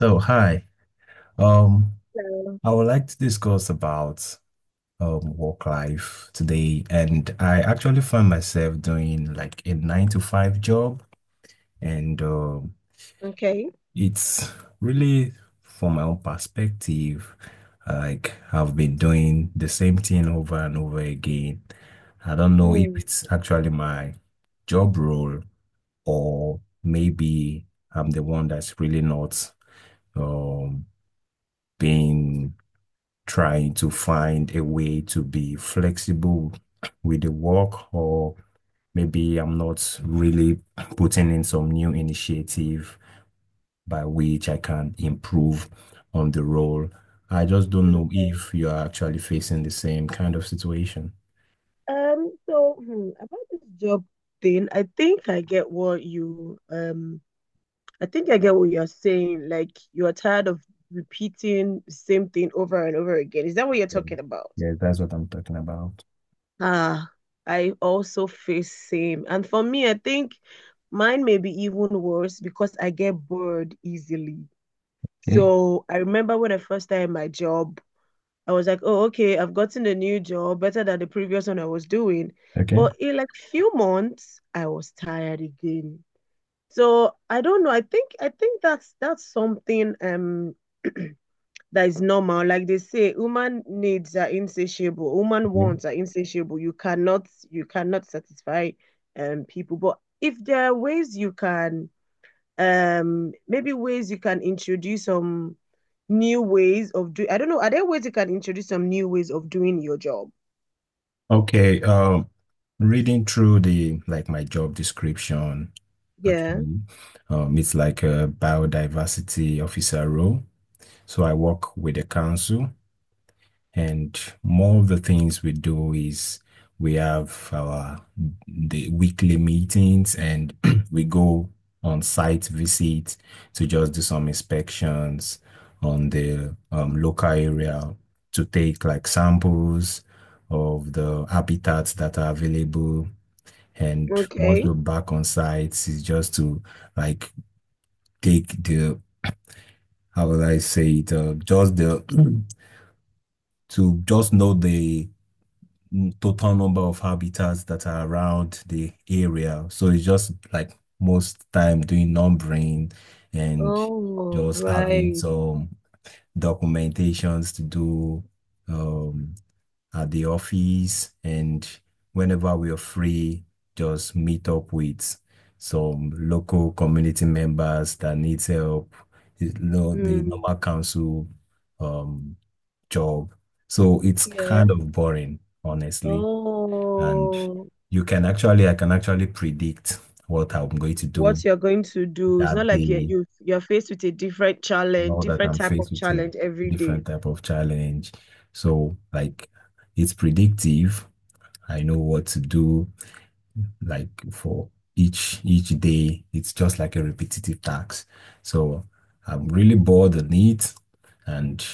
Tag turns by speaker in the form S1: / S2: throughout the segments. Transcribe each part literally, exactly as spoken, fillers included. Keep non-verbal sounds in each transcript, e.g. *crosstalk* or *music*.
S1: So, hi. Um,
S2: Um,
S1: I would like to discuss about um work life today, and I actually find myself doing like a nine to five job, and um,
S2: Okay.
S1: it's really from my own perspective, like I've been doing the same thing over and over again. I don't know if
S2: Hmm.
S1: it's actually my job role or maybe I'm the one that's really not um being trying to find a way to be flexible with the work, or maybe I'm not really putting in some new initiative by which I can improve on the role. I just don't know
S2: Okay.
S1: if you are actually facing the same kind of situation.
S2: Um, so hmm, about this job thing, I think I get what you um I think I get what you're saying. Like you are tired of repeating the same thing over and over again. Is that what you're talking about?
S1: Yeah, that's what I'm talking about.
S2: Ah, I also face same. And for me, I think mine may be even worse because I get bored easily.
S1: Okay.
S2: So I remember when I first started my job, I was like, oh, okay, I've gotten a new job, better than the previous one I was doing.
S1: Okay.
S2: But in like few months, I was tired again. So I don't know. I think I think that's that's something um *clears throat* that is normal. Like they say, human needs are insatiable. Human
S1: Yeah.
S2: wants are insatiable. You cannot you cannot satisfy um people. But if there are ways you can um maybe ways you can introduce some new ways of doing. I don't know. Are there ways you can introduce some new ways of doing your job?
S1: Okay. Um, reading through the like my job description,
S2: Yeah.
S1: actually. Um, it's like a biodiversity officer role. So I work with the council, and more of the things we do is we have our the weekly meetings, and *clears throat* we go on site visits to just do some inspections on the um, local area to take like samples of the habitats that are available. And once
S2: Okay.
S1: we're back on site, it's just to like take the, how would I say it, uh, just the, *clears throat* to just know the mm, total number of habitats that are around the area. So it's just like most time doing numbering and
S2: Oh,
S1: just Yeah, having
S2: right.
S1: some documentations to do. Um, at the office and whenever we are free, just meet up with some local community members that needs help, you know, the
S2: Mm.
S1: normal council um, job. So it's
S2: Yeah.
S1: kind of boring, honestly. And
S2: Oh,
S1: you can actually, I can actually predict what I'm going to do
S2: what you're going to do. It's
S1: that
S2: not like you're,
S1: day
S2: you you're faced with a different challenge,
S1: now that
S2: different
S1: I'm
S2: type
S1: faced
S2: of
S1: with a
S2: challenge every day.
S1: different type of challenge. So like it's predictive. I know what to do. Like for each each day it's just like a repetitive task, so I'm really bored on it. And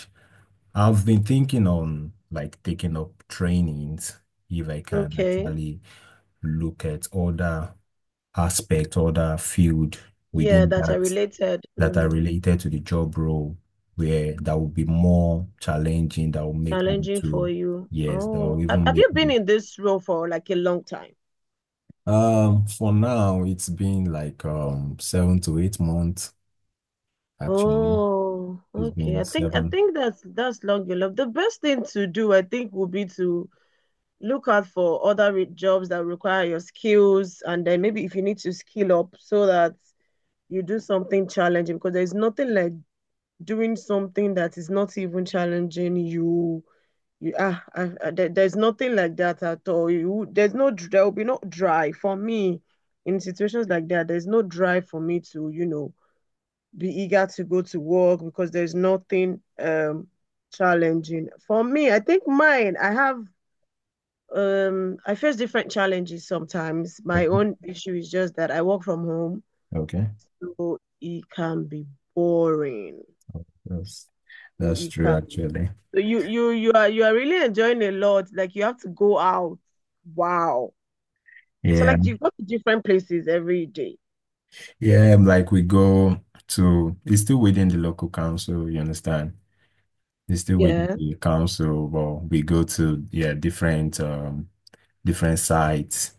S1: I've been thinking on like taking up trainings if I can
S2: Okay.
S1: actually look at other aspect, other field
S2: Yeah,
S1: within
S2: that are
S1: that
S2: related.
S1: that are
S2: Mm.
S1: related to the job role where that will be more challenging, that will make me
S2: Challenging for
S1: to
S2: you.
S1: yes that will
S2: Oh, have
S1: even
S2: have
S1: make
S2: you been
S1: me.
S2: in this role for like a long time?
S1: Um, for now, it's been like um seven to eight months actually.
S2: Oh,
S1: It's
S2: okay.
S1: been
S2: I think I
S1: seven.
S2: think that's that's long you love. The best thing to do, I think, would be to look out for other re jobs that require your skills, and then maybe if you need to skill up so that you do something challenging, because there's nothing like doing something that is not even challenging you. You ah, I, I, there, there's nothing like that at all. You there's no dr- There will be no drive for me in situations like that. There's no drive for me to you know be eager to go to work because there's nothing um challenging. For me, I think mine, I have um I face different challenges sometimes. My
S1: Okay,
S2: own issue is just that I work from home,
S1: okay.
S2: so it can be boring.
S1: That's
S2: It,
S1: that's
S2: it
S1: true
S2: can be boring.
S1: actually.
S2: So you you you are you are really enjoying a lot. Like you have to go out. Wow. So
S1: Yeah.
S2: like you go to different places every day.
S1: Yeah, um, like we go to it's still within the local council, you understand? It's still within
S2: Yeah.
S1: the council, but we go to yeah, different um different sites.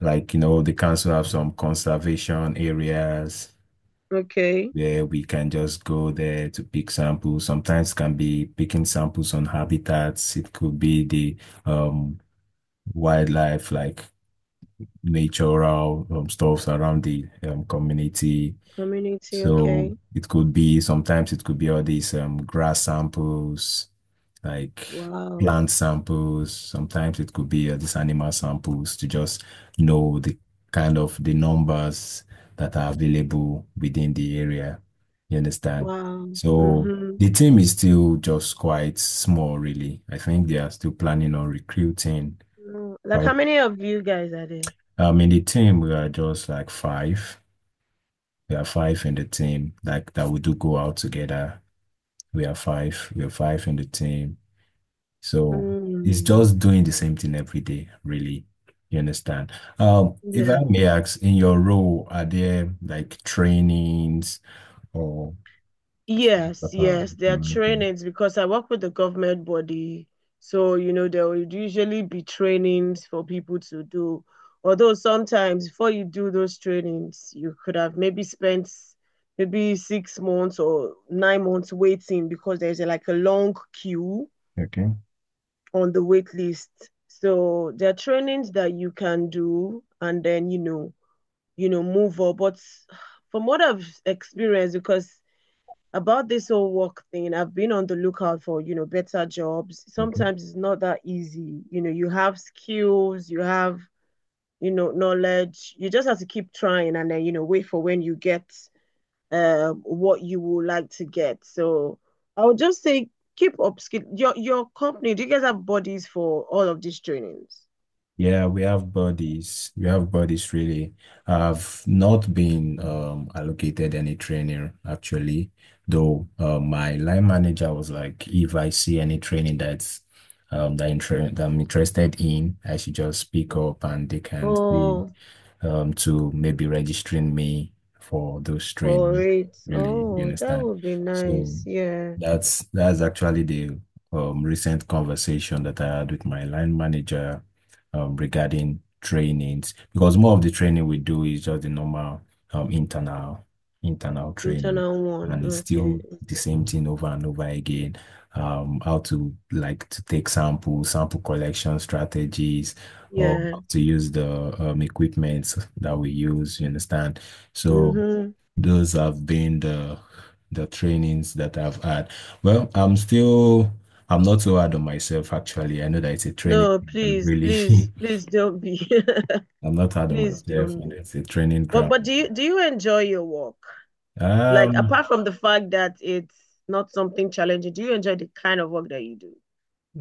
S1: Like, you know, the council have some conservation areas
S2: Okay.
S1: where we can just go there to pick samples. Sometimes can be picking samples on habitats. It could be the um, wildlife, like natural um, stuffs around the um, community.
S2: Community.
S1: So
S2: Okay.
S1: it could be sometimes it could be all these um, grass samples, like
S2: Wow.
S1: plant samples. Sometimes it could be uh, these animal samples to just know the kind of the numbers that are available within the area. You understand?
S2: Wow.
S1: So
S2: Mm-hmm.
S1: the team is still just quite small, really. I think they are still planning on recruiting.
S2: Mm, like,
S1: But
S2: how many of you guys are there?
S1: um, in the team, we are just like five. There are five in the team, like that we do go out together. We are five. We are five in the team. So it's
S2: Mm,
S1: just doing the same thing every day, really. You understand? Um, if
S2: yeah.
S1: I may ask, in your role, are there like trainings or
S2: Yes,
S1: uh,
S2: yes, there are trainings because I work with the government body. So, you know, there will usually be trainings for people to do. Although sometimes before you do those trainings, you could have maybe spent maybe six months or nine months waiting because there's a, like a long queue
S1: okay,
S2: on the wait list. So there are trainings that you can do, and then, you know, you know, move up. But from what I've experienced, because about this whole work thing, I've been on the lookout for, you know, better jobs.
S1: okay.
S2: Sometimes it's not that easy. You know, you have skills, you have, you know, knowledge. You just have to keep trying and then, you know, wait for when you get uh, what you would like to get. So I would just say keep up skill. Your your company, do you guys have bodies for all of these trainings?
S1: Yeah, we have bodies. We have bodies really. I've not been um allocated any trainer actually, though uh, my line manager was like, if I see any training that's um that, inter that I'm interested in, I should just pick up and they can see
S2: Oh,
S1: um, to maybe registering me for those
S2: for
S1: training,
S2: it.
S1: really, you
S2: Oh, that
S1: understand?
S2: would be
S1: So
S2: nice. Yeah.
S1: that's that's actually the um, recent conversation that I had with my line manager um, regarding trainings, because more of the training we do is just the normal um, internal internal training,
S2: Internal one.
S1: and it's
S2: Okay.
S1: still the same thing over and over again. Um, how to like to take samples, sample collection strategies or
S2: Yeah.
S1: how to use the um, equipment that we use, you understand? So
S2: Mm-hmm.
S1: those have been the the trainings that I've had. Well, I'm still I'm not so hard on myself actually. I know that it's a training
S2: No,
S1: ground,
S2: please,
S1: really.
S2: please,
S1: *laughs*
S2: please don't be. *laughs*
S1: I'm not hard on
S2: Please
S1: myself.
S2: don't
S1: And
S2: be.
S1: it's a training
S2: But but
S1: ground.
S2: do you do you enjoy your work? Like
S1: Um,
S2: apart from the fact that it's not something challenging, do you enjoy the kind of work that you do?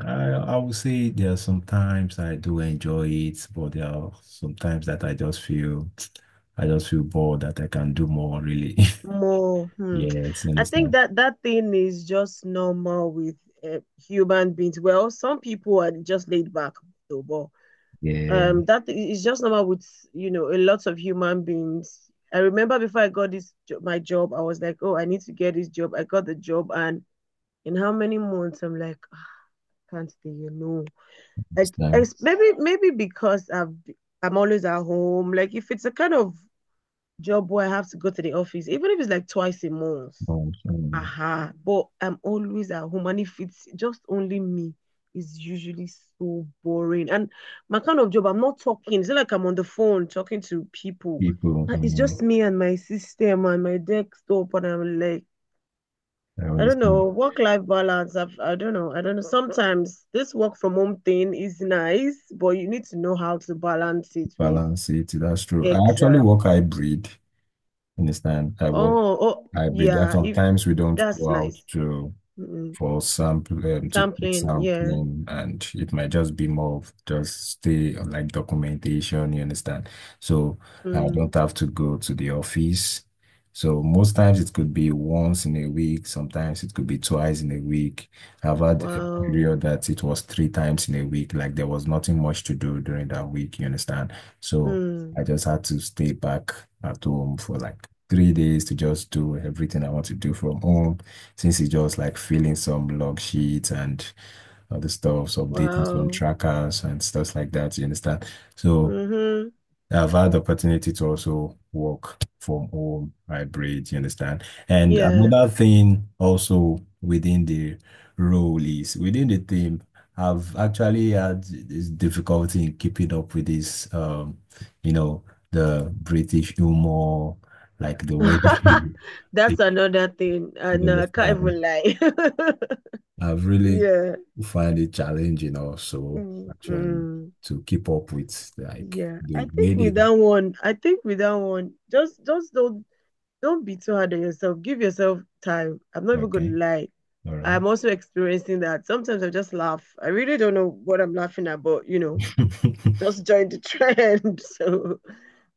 S1: I I would say there are some times I do enjoy it, but there are some times that I just feel *tsk* I just feel bored that I can do more really. *laughs*
S2: More, hmm.
S1: Yes, you
S2: I think
S1: understand?
S2: that that thing is just normal with uh, human beings. Well, some people are just laid back though, but
S1: Yeah.
S2: um that is just normal with you know a lot of human beings. I remember before I got this job, my job I was like, oh, I need to get this job. I got the job and in how many months I'm like, "Ah, can't stay you know
S1: This
S2: like
S1: time.
S2: maybe maybe because I've I'm always at home like if it's a kind of job where I have to go to the office even if it's like twice a month.
S1: But
S2: Uh
S1: um,
S2: huh. But I'm always at home, and if it's just only me, it's usually so boring. And my kind of job, I'm not talking. It's not like I'm on the phone talking to people.
S1: people,
S2: Uh, It's
S1: um,
S2: just me and my system and my desktop, and I'm like,
S1: I
S2: I don't know,
S1: understand
S2: work-life balance. I've, I don't know. I don't know. Sometimes this work from home thing is nice, but you need to know how to balance it with
S1: balance it. That's true. I actually
S2: exact.
S1: work hybrid. Understand? I work
S2: Oh, oh,
S1: hybrid. That
S2: yeah. If
S1: sometimes we don't
S2: that's
S1: go out
S2: nice.
S1: to
S2: Mm-mm.
S1: for sample um, to take
S2: Sampling, yeah.
S1: sampling, and it might just be more of just stay on like documentation, you understand? So I don't
S2: Mm.
S1: have to go to the office. So most times it could be once in a week, sometimes it could be twice in a week. I've had a
S2: Wow.
S1: period that it was three times in a week, like there was nothing much to do during that week, you understand? So I
S2: Mm.
S1: just had to stay back at home for like three days to just do everything I want to do from home since it's just like filling some log sheets and other stuffs, updating some
S2: Wow.
S1: trackers and stuff like that. You understand? So
S2: Mm-hmm.
S1: I've had the opportunity to also work from home hybrid, you understand? And
S2: Yeah.
S1: another thing also within the role is within the team, I've actually had this difficulty in keeping up with this um, you know, the British humor, like the way they,
S2: *laughs*
S1: *laughs*
S2: That's
S1: they
S2: another thing. Uh,
S1: you
S2: no, I can't
S1: understand
S2: even lie.
S1: I've
S2: *laughs*
S1: really
S2: Yeah.
S1: find it challenging also
S2: Mm.
S1: actually
S2: Mm.
S1: to keep up with like
S2: Yeah.
S1: the
S2: I
S1: way
S2: think with
S1: they.
S2: that one, I think with that one, just just don't don't be too hard on yourself. Give yourself time. I'm not even
S1: Okay,
S2: gonna lie.
S1: all right.
S2: I'm also experiencing that. Sometimes I just laugh. I really don't know what I'm laughing at, but you know.
S1: *laughs*
S2: Just joined the *laughs* trend. So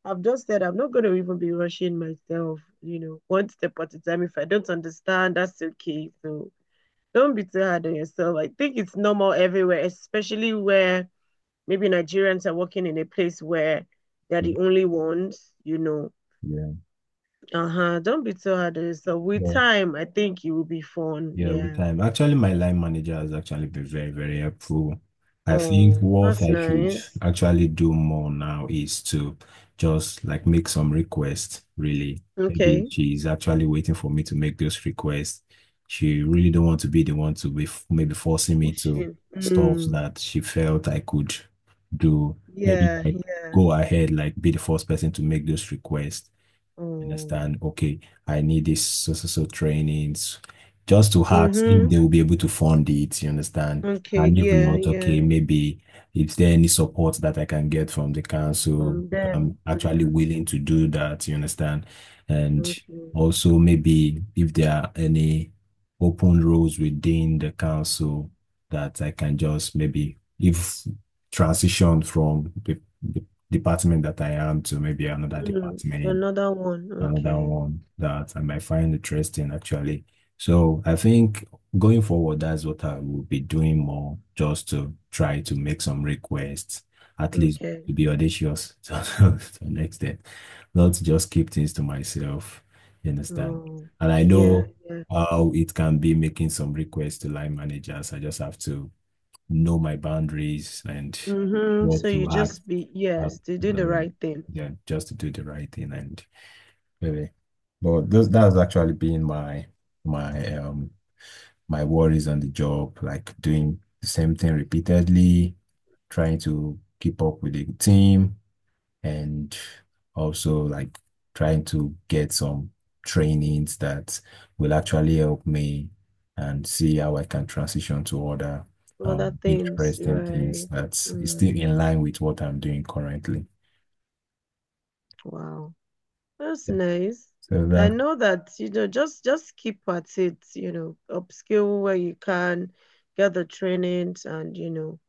S2: I've just said I'm not going to even be rushing myself, you know, one step at a time. If I don't understand, that's okay. So don't be too hard on yourself. I think it's normal everywhere, especially where maybe Nigerians are working in a place where they're the only ones, you know.
S1: Yeah.
S2: Uh huh. Don't be too hard on yourself. With time, I think it will be fun.
S1: Yeah, with
S2: Yeah.
S1: time. Actually, my line manager has actually been very, very helpful. I think
S2: Oh,
S1: what
S2: that's
S1: I should
S2: nice.
S1: actually do more now is to just like make some requests, really. Maybe
S2: Okay.
S1: she's actually waiting for me to make those requests. She really don't want to be the one to be f- maybe forcing me to
S2: Pushing.
S1: stuff
S2: Mm.
S1: that she felt I could do. Maybe
S2: Yeah.
S1: like
S2: Yeah.
S1: go ahead, like be the first person to make those requests.
S2: Oh.
S1: Understand? Okay, I need this so so so trainings just to ask if
S2: Mm-hmm.
S1: they will be able to fund it. You understand?
S2: Okay.
S1: And if
S2: Yeah.
S1: not,
S2: Yeah.
S1: okay, maybe if there any support that I can get from the council,
S2: From
S1: if I'm
S2: them.
S1: actually
S2: Mm.
S1: willing to do that. You understand? And
S2: Okay.
S1: also maybe if there are any open roles within the council that I can just maybe if transition from the, the department that I am to maybe another
S2: Mm. To
S1: department,
S2: another one.
S1: another
S2: Okay.
S1: one that I might find interesting actually. So I think going forward, that's what I will be doing more, just to try to make some requests, at least to
S2: Okay.
S1: be audacious *laughs* to, to an extent, not to just keep things to myself. You understand?
S2: Oh.
S1: And I
S2: Yeah.
S1: know
S2: Yeah.
S1: how it can be making some requests to line managers. I just have to know my boundaries and
S2: Mm-hmm. So
S1: what
S2: you
S1: to ask.
S2: just be
S1: ask,
S2: yes to do the
S1: um,
S2: right thing.
S1: Yeah, just to do the right thing and really. But those that's actually been my my um my worries on the job, like doing the same thing repeatedly, trying to keep up with the team and also like trying to get some trainings that will actually help me and see how I can transition to other
S2: Other
S1: um
S2: things.
S1: interesting things
S2: Right.
S1: that is
S2: Mm.
S1: still in line with what I'm doing currently.
S2: Wow. That's nice.
S1: So
S2: I
S1: that.
S2: know that you know just just keep at it. You know, upskill where you can, get the trainings, and you know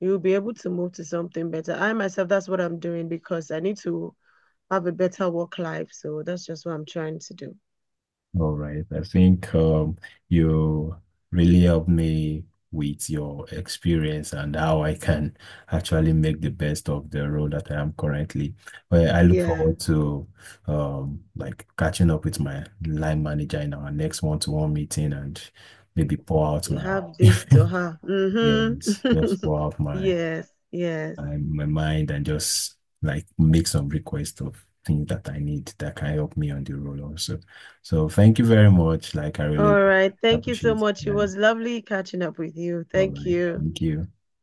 S2: you'll be able to move to something better. I myself, that's what I'm doing because I need to have a better work life. So that's just what I'm trying to do.
S1: All right. I think um, you really helped me with your experience and how I can actually make the best of the role that I am currently. Well, I look
S2: Yeah,
S1: forward to um, like catching up with my line manager in our next one-to-one meeting and maybe pour out
S2: you
S1: my
S2: have
S1: *laughs* yes,
S2: this to have.
S1: just
S2: Mm-hmm. *laughs*
S1: pour out my
S2: Yes, yes.
S1: in my mind and just like make some request of things that I need that can help me on the road also. So thank you very much. Like I really
S2: All right. Thank you so
S1: appreciate
S2: much. It
S1: that.
S2: was lovely catching up with you.
S1: All
S2: Thank
S1: right.
S2: you.
S1: Thank you.